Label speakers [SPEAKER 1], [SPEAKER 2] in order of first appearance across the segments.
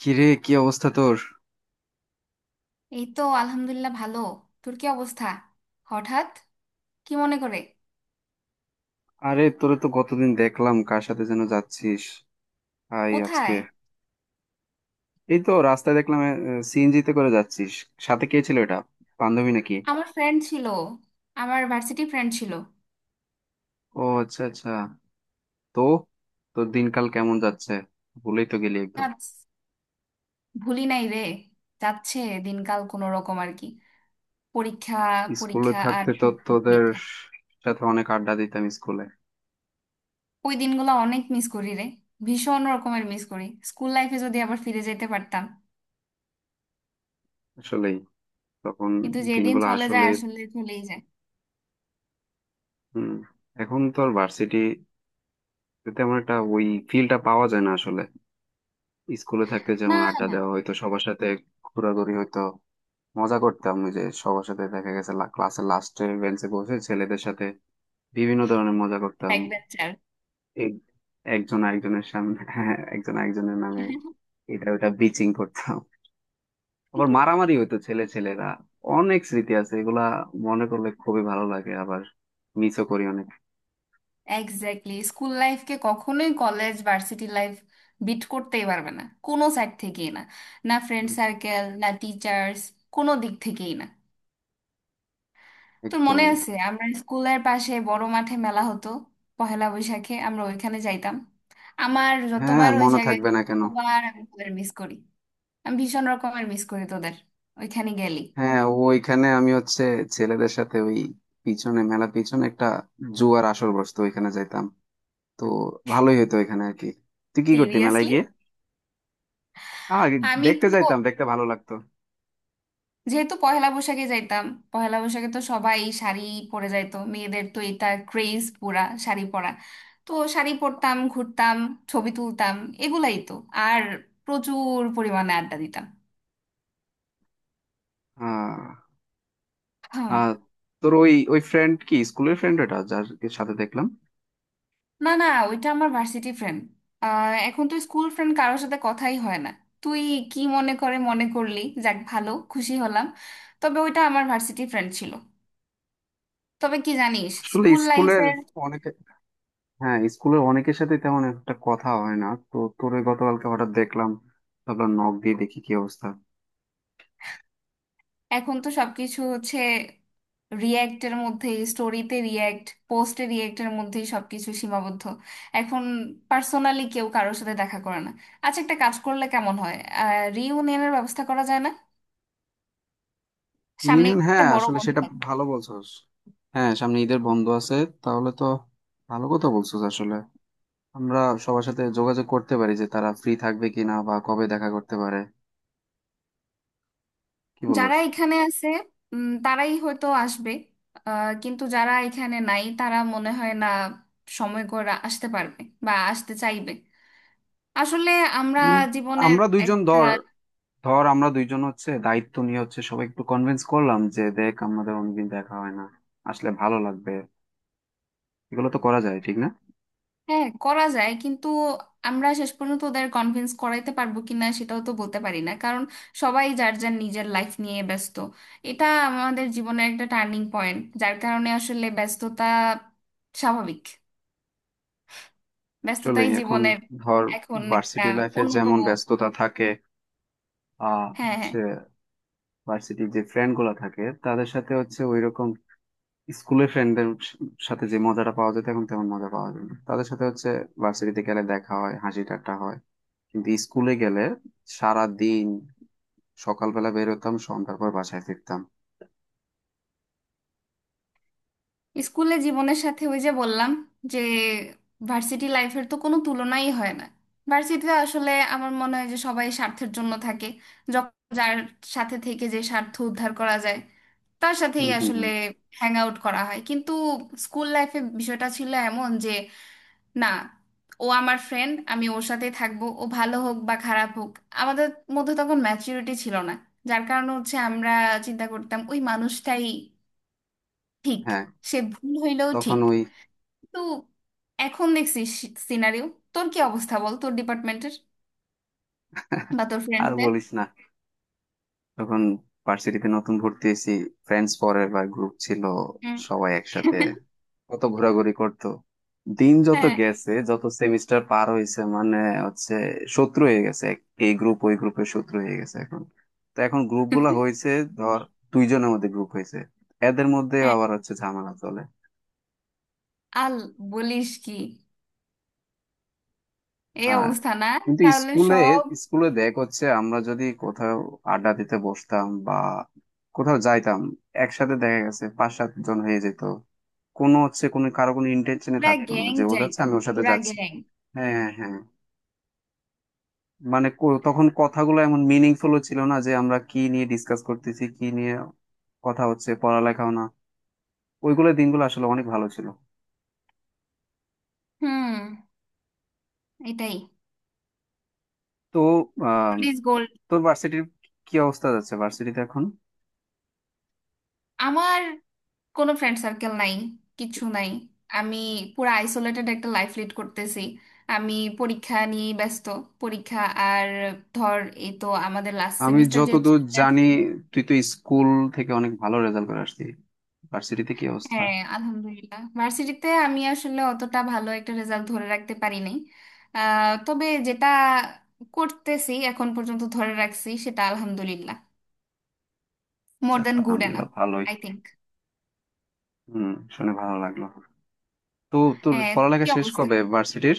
[SPEAKER 1] কিরে, কি অবস্থা তোর?
[SPEAKER 2] এই তো আলহামদুলিল্লাহ ভালো। তোর কি অবস্থা? হঠাৎ কি মনে করে?
[SPEAKER 1] আরে, তোরে তো গতদিন দেখলাম কার সাথে যেন যাচ্ছিস। আই আজকে
[SPEAKER 2] কোথায়?
[SPEAKER 1] এই তো রাস্তায় দেখলাম সিএনজি তে করে যাচ্ছিস। সাথে কে ছিল এটা? বান্ধবী নাকি?
[SPEAKER 2] আমার ফ্রেন্ড ছিল, আমার ভার্সিটি ফ্রেন্ড ছিল।
[SPEAKER 1] ও আচ্ছা আচ্ছা। তো তোর দিনকাল কেমন যাচ্ছে? ভুলেই তো গেলি একদম।
[SPEAKER 2] যাস, ভুলি নাই রে। যাচ্ছে, দিনকাল কোনো রকম আর কি। পরীক্ষা,
[SPEAKER 1] স্কুলে
[SPEAKER 2] পরীক্ষা আর
[SPEAKER 1] থাকতে তো
[SPEAKER 2] শুধু
[SPEAKER 1] তোদের
[SPEAKER 2] পরীক্ষা।
[SPEAKER 1] সাথে অনেক আড্ডা দিতাম স্কুলে।
[SPEAKER 2] ওই দিনগুলো অনেক মিস করি রে, ভীষণ রকমের মিস করি। স্কুল লাইফে যদি আবার ফিরে যেতে পারতাম।
[SPEAKER 1] আসলেই। তখন
[SPEAKER 2] কিন্তু যেদিন
[SPEAKER 1] দিনগুলো
[SPEAKER 2] চলে
[SPEAKER 1] আসলে।
[SPEAKER 2] যায় আসলে চলেই যায়।
[SPEAKER 1] হম। এখন তো আর ভার্সিটি তেমন একটা ওই ফিলটা পাওয়া যায় না আসলে। স্কুলে থাকতে
[SPEAKER 2] না,
[SPEAKER 1] যেমন আড্ডা
[SPEAKER 2] না।
[SPEAKER 1] দেওয়া হইতো সবার সাথে, ঘোরাঘুরি হইতো, মজা করতাম। ওই যে সবার সাথে দেখা গেছে ক্লাসের লাস্টের বেঞ্চে বসে ছেলেদের সাথে বিভিন্ন ধরনের মজা করতাম।
[SPEAKER 2] Back bencher.
[SPEAKER 1] এক- একজন আরেকজনের সামনে একজন আরেকজনের নামে এটা ওটা বিচিং করতাম। আবার মারামারি হইতো ছেলে ছেলেরা। অনেক স্মৃতি আছে এগুলা, মনে করলে খুবই ভালো লাগে, আবার মিসও করি অনেক।
[SPEAKER 2] এক্স্যাক্টলি, স্কুল লাইফকে কখনোই কলেজ ভার্সিটি লাইফ বিট করতেই পারবে না, কোনো সাইড থেকেই না। না ফ্রেন্ড সার্কেল, না টিচার্স, কোনো দিক থেকেই না। তোর
[SPEAKER 1] একদম।
[SPEAKER 2] মনে আছে আমরা স্কুলের পাশে বড় মাঠে মেলা হতো? পহেলা বৈশাখে আমরা ওইখানে যাইতাম। আমার
[SPEAKER 1] হ্যাঁ,
[SPEAKER 2] যতবার ওই
[SPEAKER 1] মনে
[SPEAKER 2] জায়গায়
[SPEAKER 1] থাকবে
[SPEAKER 2] যাই,
[SPEAKER 1] না কেন?
[SPEAKER 2] ততবার আমি তোদের মিস করি। আমি ভীষণ রকমের মিস করি তোদের। ওইখানে গেলি।
[SPEAKER 1] হ্যাঁ, ওইখানে আমি হচ্ছে ছেলেদের সাথে ওই পিছনে মেলা, পিছনে একটা জুয়ার আসর বসতো, ওইখানে যাইতাম। তো ভালোই হতো ওইখানে আর কি। তুই কি করতি মেলায়
[SPEAKER 2] সিরিয়াসলি,
[SPEAKER 1] গিয়ে? আহ
[SPEAKER 2] আমি
[SPEAKER 1] দেখতে
[SPEAKER 2] তো
[SPEAKER 1] যাইতাম, দেখতে ভালো লাগতো।
[SPEAKER 2] যেহেতু পহেলা বৈশাখে যাইতাম, পহেলা বৈশাখে তো সবাই শাড়ি পরে যাইতো, মেয়েদের তো এটা ক্রেজ পুরা, শাড়ি পরা। তো শাড়ি পরতাম, ঘুরতাম, ছবি তুলতাম, এগুলাই তো। আর প্রচুর পরিমাণে আড্ডা দিতাম।
[SPEAKER 1] আহ
[SPEAKER 2] হুম,
[SPEAKER 1] আহ তোর ওই ওই ফ্রেন্ড কি স্কুলের ফ্রেন্ড ওটা, যার সাথে দেখলাম?
[SPEAKER 2] না না, ওইটা আমার ভার্সিটি ফ্রেন্ড। এখন তো স্কুল ফ্রেন্ড কারোর সাথে কথাই হয় না। তুই কি মনে করে মনে করলি? যাক, ভালো, খুশি হলাম। তবে ওইটা আমার ভার্সিটি ফ্রেন্ড ছিল। তবে কি জানিস,
[SPEAKER 1] আসলে
[SPEAKER 2] স্কুল
[SPEAKER 1] স্কুলের
[SPEAKER 2] লাইফের।
[SPEAKER 1] অনেকে, হ্যাঁ স্কুলের অনেকের সাথে তেমন একটা কথা হয় না। তো তোর ওই গতকালকে হঠাৎ দেখলাম, তারপর নক দিয়ে দেখি কি অবস্থা।
[SPEAKER 2] এখন তো সবকিছু হচ্ছে রিয়্যাক্টের মধ্যে, স্টোরিতে রিয়্যাক্ট, পোস্টে রিয়্যাক্টের মধ্যেই সবকিছু সীমাবদ্ধ এখন। পার্সোনালি কেউ কারোর সাথে দেখা করে না। আচ্ছা, একটা কাজ করলে কেমন হয়? রিইউনিয়নের ব্যবস্থা করা যায় না? সামনে
[SPEAKER 1] রিইউনিয়ন,
[SPEAKER 2] একটা
[SPEAKER 1] হ্যাঁ
[SPEAKER 2] বড়
[SPEAKER 1] আসলে
[SPEAKER 2] বন্ধ।
[SPEAKER 1] সেটা ভালো বলছস। হ্যাঁ, সামনে ঈদের বন্ধ আছে, তাহলে তো ভালো কথা বলছস আসলে। আমরা সবার সাথে যোগাযোগ করতে পারি যে তারা ফ্রি থাকবে কিনা বা কবে দেখা করতে পারে। কি
[SPEAKER 2] যারা
[SPEAKER 1] বলস?
[SPEAKER 2] এখানে আছে তারাই হয়তো আসবে। কিন্তু যারা এখানে নাই তারা মনে হয় না সময় করে আসতে পারবে বা আসতে চাইবে। আসলে আমরা
[SPEAKER 1] উম,
[SPEAKER 2] জীবনের
[SPEAKER 1] আমরা দুইজন
[SPEAKER 2] একটা।
[SPEAKER 1] ধর, ধর আমরা দুইজন হচ্ছে দায়িত্ব নিয়ে হচ্ছে সবাই একটু কনভিন্স করলাম যে দেখ, আমাদের অনেকদিন দেখা হয় না, আসলে ভালো লাগবে। এগুলো তো করা যায়, ঠিক না?
[SPEAKER 2] হ্যাঁ, করা যায়, কিন্তু আমরা শেষ পর্যন্ত ওদের কনভিন্স করাইতে পারবো কিনা সেটাও তো বলতে পারি না, কারণ সবাই যার যার নিজের লাইফ নিয়ে ব্যস্ত। এটা আমাদের জীবনের একটা টার্নিং পয়েন্ট, যার কারণে আসলে ব্যস্ততা স্বাভাবিক।
[SPEAKER 1] আসলে
[SPEAKER 2] ব্যস্ততাই
[SPEAKER 1] এখন
[SPEAKER 2] জীবনের
[SPEAKER 1] ধর
[SPEAKER 2] এখন একটা
[SPEAKER 1] ভার্সিটি লাইফে যেমন
[SPEAKER 2] অন্যতম।
[SPEAKER 1] ব্যস্ততা থাকে। আহ
[SPEAKER 2] হ্যাঁ, হ্যাঁ।
[SPEAKER 1] ভার্সিটির যে ফ্রেন্ড গুলা থাকে তাদের সাথে হচ্ছে ওই রকম স্কুলের ফ্রেন্ডদের সাথে যে মজাটা পাওয়া যেত, এখন তেমন মজা পাওয়া যায় না তাদের সাথে হচ্ছে। ভার্সিটিতে গেলে দেখা হয়, হাসি ঠাট্টা হয়, কিন্তু স্কুলে গেলে সারা দিন সকালবেলা বের হতাম, সন্ধ্যার পর বাসায় ফিরতাম।
[SPEAKER 2] স্কুলে জীবনের সাথে ওই যে বললাম যে ভার্সিটি লাইফের তো কোনো তুলনাই হয় না। ভার্সিটিতে আসলে আমার মনে হয় যে সবাই স্বার্থের জন্য থাকে। যখন যার সাথে থেকে যে স্বার্থ উদ্ধার করা যায়, তার
[SPEAKER 1] হম
[SPEAKER 2] সাথেই
[SPEAKER 1] হম
[SPEAKER 2] আসলে
[SPEAKER 1] হম।
[SPEAKER 2] হ্যাং আউট করা হয়। কিন্তু স্কুল লাইফে বিষয়টা ছিল এমন যে, না, ও আমার ফ্রেন্ড, আমি ওর সাথে থাকবো, ও ভালো হোক বা খারাপ হোক। আমাদের মধ্যে তখন ম্যাচুরিটি ছিল না, যার কারণে হচ্ছে আমরা চিন্তা করতাম ওই মানুষটাই ঠিক,
[SPEAKER 1] হ্যাঁ,
[SPEAKER 2] সে ভুল হইলেও
[SPEAKER 1] তখন
[SPEAKER 2] ঠিক।
[SPEAKER 1] ওই
[SPEAKER 2] তো এখন দেখছি সিনারিও। তোর কি অবস্থা বল, তোর ডিপার্টমেন্টের বা তোর
[SPEAKER 1] আর
[SPEAKER 2] ফ্রেন্ডসদের?
[SPEAKER 1] বলিস না। যখন ভার্সিটিতে নতুন ভর্তি হয়েছি, ফ্রেন্ডস ফরেভার বা গ্রুপ ছিল,
[SPEAKER 2] হুম।
[SPEAKER 1] সবাই একসাথে কত ঘোরাঘুরি করতো। দিন যত
[SPEAKER 2] হ্যাঁ,
[SPEAKER 1] গেছে, যত সেমিস্টার পার হয়েছে, মানে হচ্ছে শত্রু হয়ে গেছে। এই গ্রুপ ওই গ্রুপের শত্রু হয়ে গেছে এখন। তো এখন গ্রুপ গুলা হয়েছে, ধর দুইজনের মধ্যে গ্রুপ হয়েছে, এদের মধ্যে
[SPEAKER 2] হ্যাঁ,
[SPEAKER 1] আবার হচ্ছে ঝামেলা চলে।
[SPEAKER 2] আল, বলিস কি? এই
[SPEAKER 1] হ্যাঁ,
[SPEAKER 2] অবস্থা না?
[SPEAKER 1] কিন্তু
[SPEAKER 2] তাহলে
[SPEAKER 1] স্কুলে,
[SPEAKER 2] সব।
[SPEAKER 1] স্কুলে দেখ হচ্ছে আমরা যদি কোথাও আড্ডা দিতে বসতাম বা কোথাও যাইতাম, একসাথে দেখা গেছে পাঁচ সাত জন হয়ে যেত। কোনো হচ্ছে কোনো কারো কোনো ইন্টেনশনে
[SPEAKER 2] পুরা
[SPEAKER 1] থাকতো না
[SPEAKER 2] গ্যাং
[SPEAKER 1] যে ও যাচ্ছে
[SPEAKER 2] যাইতো,
[SPEAKER 1] আমি ওর সাথে
[SPEAKER 2] পুরা
[SPEAKER 1] যাচ্ছি।
[SPEAKER 2] গ্যাং।
[SPEAKER 1] হ্যাঁ হ্যাঁ হ্যাঁ। মানে তখন কথাগুলো এমন মিনিংফুল ছিল না যে আমরা কি নিয়ে ডিসকাস করতেছি, কি নিয়ে কথা হচ্ছে, পড়ালেখাও না। ওইগুলো দিনগুলো আসলে অনেক ভালো ছিল।
[SPEAKER 2] হুম, এটাই।
[SPEAKER 1] তো আহ
[SPEAKER 2] পুলিশ গোল্ড।
[SPEAKER 1] তোর ভার্সিটির কি অবস্থা, যাচ্ছে ভার্সিটিতে এখন?
[SPEAKER 2] আমার কোনো ফ্রেন্ড সার্কেল নাই, কিছু নাই। আমি পুরা আইসোলেটেড একটা লাইফ লিড করতেছি। আমি পরীক্ষা নিয়ে ব্যস্ত, পরীক্ষা আর ধর, এই তো আমাদের লাস্ট
[SPEAKER 1] আমি
[SPEAKER 2] সেমিস্টার যে।
[SPEAKER 1] যতদূর জানি তুই তো স্কুল থেকে অনেক ভালো রেজাল্ট করে আসছিস, ভার্সিটিতে কি অবস্থা?
[SPEAKER 2] হ্যাঁ আলহামদুলিল্লাহ, ভার্সিটিতে আমি আসলে অতটা ভালো একটা রেজাল্ট ধরে রাখতে পারি নাই। তবে যেটা করতেছি এখন পর্যন্ত ধরে রাখছি সেটা আলহামদুলিল্লাহ মোর
[SPEAKER 1] যাক,
[SPEAKER 2] দ্যান গুড এনাফ,
[SPEAKER 1] আলহামদুলিল্লাহ ভালোই।
[SPEAKER 2] I think.
[SPEAKER 1] হুম, শুনে ভালো লাগলো। তো তোর
[SPEAKER 2] হ্যাঁ, তোর
[SPEAKER 1] পড়ালেখা
[SPEAKER 2] কি
[SPEAKER 1] শেষ
[SPEAKER 2] অবস্থা?
[SPEAKER 1] কবে ভার্সিটির?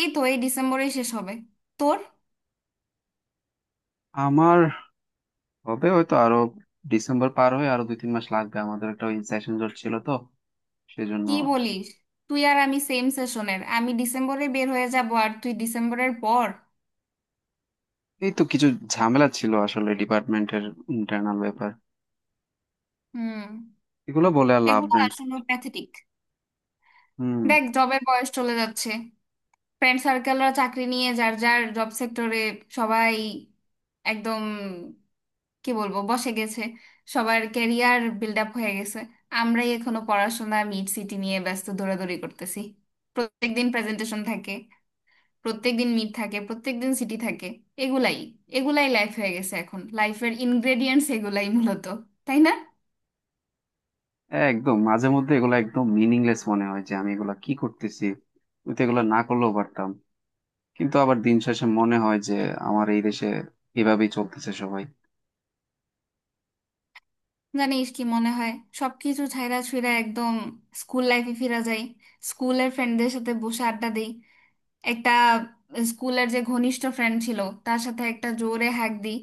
[SPEAKER 2] এই তো এই ডিসেম্বরেই শেষ হবে। তোর?
[SPEAKER 1] আমার হবে হয়তো আরো, ডিসেম্বর পার হয়ে আরো দুই তিন মাস লাগবে। আমাদের একটা ওই সেশন জট ছিল তো, সেজন্য
[SPEAKER 2] কি বলিস? তুই আর আমি সেম সেশনের, আমি ডিসেম্বরে বের হয়ে যাব আর তুই ডিসেম্বরের পর?
[SPEAKER 1] এই তো কিছু ঝামেলা ছিল আসলে ডিপার্টমেন্টের ইন্টারনাল ব্যাপার।
[SPEAKER 2] হুম,
[SPEAKER 1] এগুলো বলে আর লাভ
[SPEAKER 2] এগুলো
[SPEAKER 1] নাই।
[SPEAKER 2] আসলে প্যাথেটিক।
[SPEAKER 1] হুম।
[SPEAKER 2] দেখ, জবের বয়স চলে যাচ্ছে। ফ্রেন্ড সার্কেলরা চাকরি নিয়ে যার যার জব সেক্টরে সবাই একদম, কি বলবো, বসে গেছে। সবার ক্যারিয়ার বিল্ড আপ হয়ে গেছে। আমরাই এখনো পড়াশোনা, মিড, সিটি নিয়ে ব্যস্ত, দৌড়াদৌড়ি করতেছি। প্রত্যেকদিন প্রেজেন্টেশন থাকে, প্রত্যেকদিন মিড থাকে, প্রত্যেকদিন সিটি থাকে। এগুলাই এগুলাই লাইফ হয়ে গেছে এখন, লাইফের ইনগ্রেডিয়েন্টস এগুলাই মূলত, তাই না?
[SPEAKER 1] একদম মাঝে মধ্যে এগুলো একদম মিনিংলেস মনে হয় যে আমি এগুলা কি করতেছি, আমি তো এগুলো না করলেও পারতাম। কিন্তু আবার দিন শেষে মনে হয় যে আমার এই দেশে এভাবেই চলতেছে সবাই।
[SPEAKER 2] জানিস কি মনে হয়, সবকিছু ছাইড়া ছুঁইড়া একদম স্কুল লাইফে ফিরা যায়, স্কুলের ফ্রেন্ডদের সাথে বসে আড্ডা দেই একটা, স্কুলের যে ঘনিষ্ঠ ফ্রেন্ড ছিল তার সাথে একটা জোরে হাঁক দিই,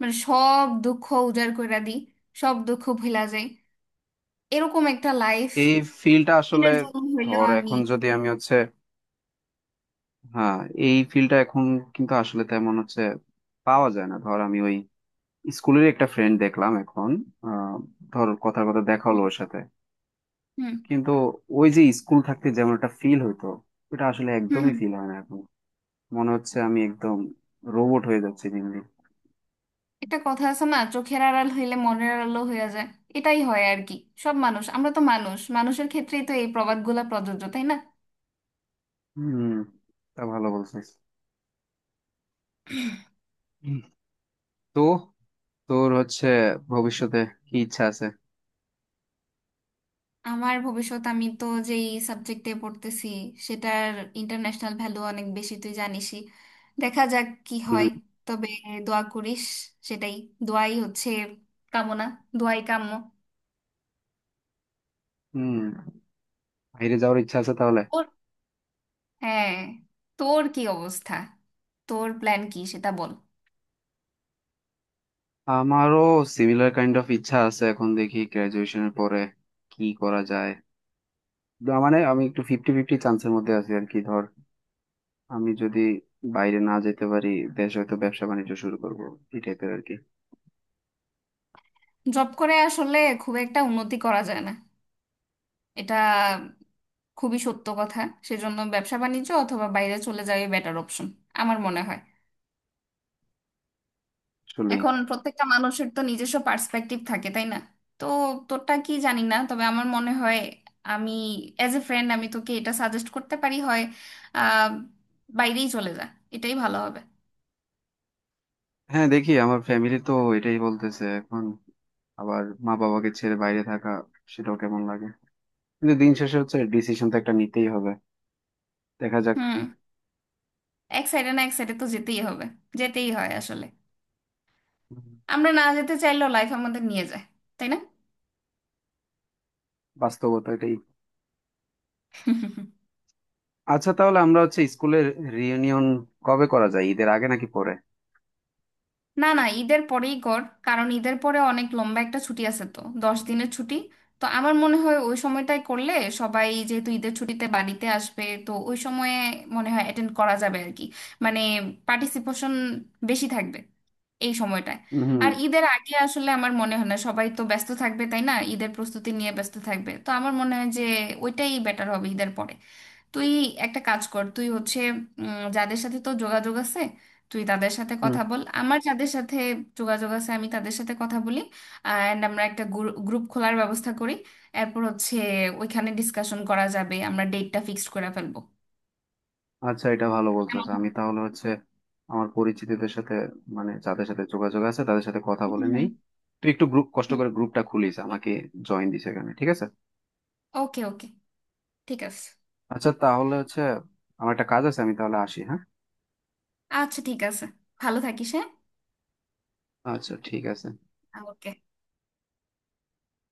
[SPEAKER 2] মানে সব দুঃখ উজাড় করে দিই, সব দুঃখ ভুলা যায় এরকম একটা লাইফ,
[SPEAKER 1] এই ফিল্ডটা আসলে,
[SPEAKER 2] দিনের জন্য হইলেও
[SPEAKER 1] ধর
[SPEAKER 2] আমি।
[SPEAKER 1] এখন যদি আমি হচ্ছে, হ্যাঁ এই ফিল্ডটা এখন কিন্তু আসলে তেমন হচ্ছে পাওয়া যায় না। ধর আমি ওই স্কুলের একটা ফ্রেন্ড দেখলাম এখন, আহ, ধর কথার কথা দেখা হলো
[SPEAKER 2] হুম,
[SPEAKER 1] ওর সাথে,
[SPEAKER 2] হুম,
[SPEAKER 1] কিন্তু ওই যে স্কুল থাকতে যেমন একটা ফিল হইতো, ওটা আসলে
[SPEAKER 2] হুম।
[SPEAKER 1] একদমই
[SPEAKER 2] হুম।
[SPEAKER 1] ফিল হয় না এখন। মনে হচ্ছে আমি একদম রোবট হয়ে যাচ্ছি দিন দিন।
[SPEAKER 2] একটা কথা আছে না, চোখের আড়াল হইলে মনের আড়ালও হয়ে যায়। এটাই হয় আর কি। সব মানুষ, আমরা তো মানুষ, মানুষের ক্ষেত্রেই তো এই প্রবাদগুলা প্রযোজ্য, তাই না?
[SPEAKER 1] হম, তা ভালো বলছিস। তো তোর হচ্ছে ভবিষ্যতে কি ইচ্ছা আছে?
[SPEAKER 2] আমার ভবিষ্যৎ, আমি তো যেই সাবজেক্টে পড়তেছি সেটার ইন্টারন্যাশনাল ভ্যালু অনেক বেশি, তুই জানিসই। দেখা যাক কি হয়।
[SPEAKER 1] হুম,
[SPEAKER 2] তবে দোয়া করিস, সেটাই, দোয়াই হচ্ছে কামনা, দোয়াই কাম্য।
[SPEAKER 1] হুম। বাইরে যাওয়ার ইচ্ছা আছে তাহলে?
[SPEAKER 2] তোর, হ্যাঁ। তোর কি অবস্থা? তোর প্ল্যান কি সেটা বল।
[SPEAKER 1] আমারও সিমিলার কাইন্ড অফ ইচ্ছা আছে, এখন দেখি গ্রাজুয়েশনের পরে কি করা যায়। না, মানে আমি একটু ফিফটি ফিফটি চান্সের মধ্যে আছি আর কি। ধর আমি যদি বাইরে না যেতে পারি, দেশে হয়তো ব্যবসা বাণিজ্য শুরু করব, এই টাইপের আর কি।
[SPEAKER 2] জব করে আসলে খুব একটা উন্নতি করা যায় না, এটা খুবই সত্য কথা। সেজন্য ব্যবসা বাণিজ্য অথবা বাইরে চলে যাওয়াই বেটার অপশন আমার মনে হয়।
[SPEAKER 1] আসলেই।
[SPEAKER 2] এখন প্রত্যেকটা মানুষের তো নিজস্ব পার্সপেক্টিভ থাকে, তাই না? তো তোরটা কি জানি না, তবে আমার মনে হয় আমি অ্যাজ এ ফ্রেন্ড আমি তোকে এটা সাজেস্ট করতে পারি হয়, আহ, বাইরেই চলে যা, এটাই ভালো হবে।
[SPEAKER 1] হ্যাঁ দেখি, আমার ফ্যামিলি তো এটাই বলতেছে এখন। আবার মা বাবাকে ছেড়ে বাইরে থাকা, সেটাও কেমন লাগে। কিন্তু দিন শেষে হচ্ছে ডিসিশন তো একটা নিতেই হবে। দেখা যাক।
[SPEAKER 2] হুম, এক সাইডে না এক সাইডে তো যেতেই হবে, যেতেই হয় আসলে।
[SPEAKER 1] হুম।
[SPEAKER 2] আমরা না যেতে চাইলেও লাইফ আমাদের নিয়ে যায়, তাই না?
[SPEAKER 1] বাস্তবতা এটাই। আচ্ছা, তাহলে আমরা হচ্ছে স্কুলের রিইউনিয়ন কবে করা যায়, ঈদের আগে নাকি পরে?
[SPEAKER 2] না, না, ঈদের পরেই কর। কারণ ঈদের পরে অনেক লম্বা একটা ছুটি আছে তো, 10 দিনের ছুটি। তো আমার মনে হয় ওই সময়টাই করলে, সবাই যেহেতু ঈদের ছুটিতে বাড়িতে আসবে তো ওই সময়ে মনে হয় অ্যাটেন্ড করা যাবে আর কি। মানে পার্টিসিপেশন বেশি থাকবে এই সময়টায়।
[SPEAKER 1] হুম
[SPEAKER 2] আর ঈদের আগে আসলে আমার মনে হয় না, সবাই তো ব্যস্ত থাকবে, তাই না? ঈদের প্রস্তুতি নিয়ে ব্যস্ত থাকবে, তো আমার মনে হয় যে ওইটাই বেটার হবে, ঈদের পরে। তুই একটা কাজ কর, তুই হচ্ছে যাদের সাথে তোর যোগাযোগ আছে তুই তাদের সাথে
[SPEAKER 1] হুম।
[SPEAKER 2] কথা বল, আমার যাদের সাথে যোগাযোগ আছে আমি তাদের সাথে কথা বলি। অ্যান্ড আমরা একটা গ্রুপ খোলার ব্যবস্থা করি। এরপর হচ্ছে ওইখানে ডিসকাশন করা যাবে, আমরা ডেটটা ফিক্সড করে ফেলবো।
[SPEAKER 1] আচ্ছা, এটা ভালো বলছো।
[SPEAKER 2] কেমন
[SPEAKER 1] আচ্ছা,
[SPEAKER 2] হয়?
[SPEAKER 1] আমি তাহলে হচ্ছে আমার পরিচিতদের সাথে, মানে যাদের সাথে যোগাযোগ আছে তাদের সাথে কথা বলে নেই।
[SPEAKER 2] হুম,
[SPEAKER 1] তুই একটু গ্রুপ, কষ্ট
[SPEAKER 2] হুম,
[SPEAKER 1] করে গ্রুপটা খুলিস, আমাকে জয়েন দিস এখানে, ঠিক আছে।
[SPEAKER 2] ওকে ওকে, ঠিক আছে।
[SPEAKER 1] আচ্ছা তাহলে হচ্ছে আমার একটা কাজ আছে, আমি তাহলে আসি, হ্যাঁ।
[SPEAKER 2] আচ্ছা ঠিক আছে, ভালো থাকিস, হ্যাঁ।
[SPEAKER 1] আচ্ছা ঠিক আছে।
[SPEAKER 2] Ah, ok.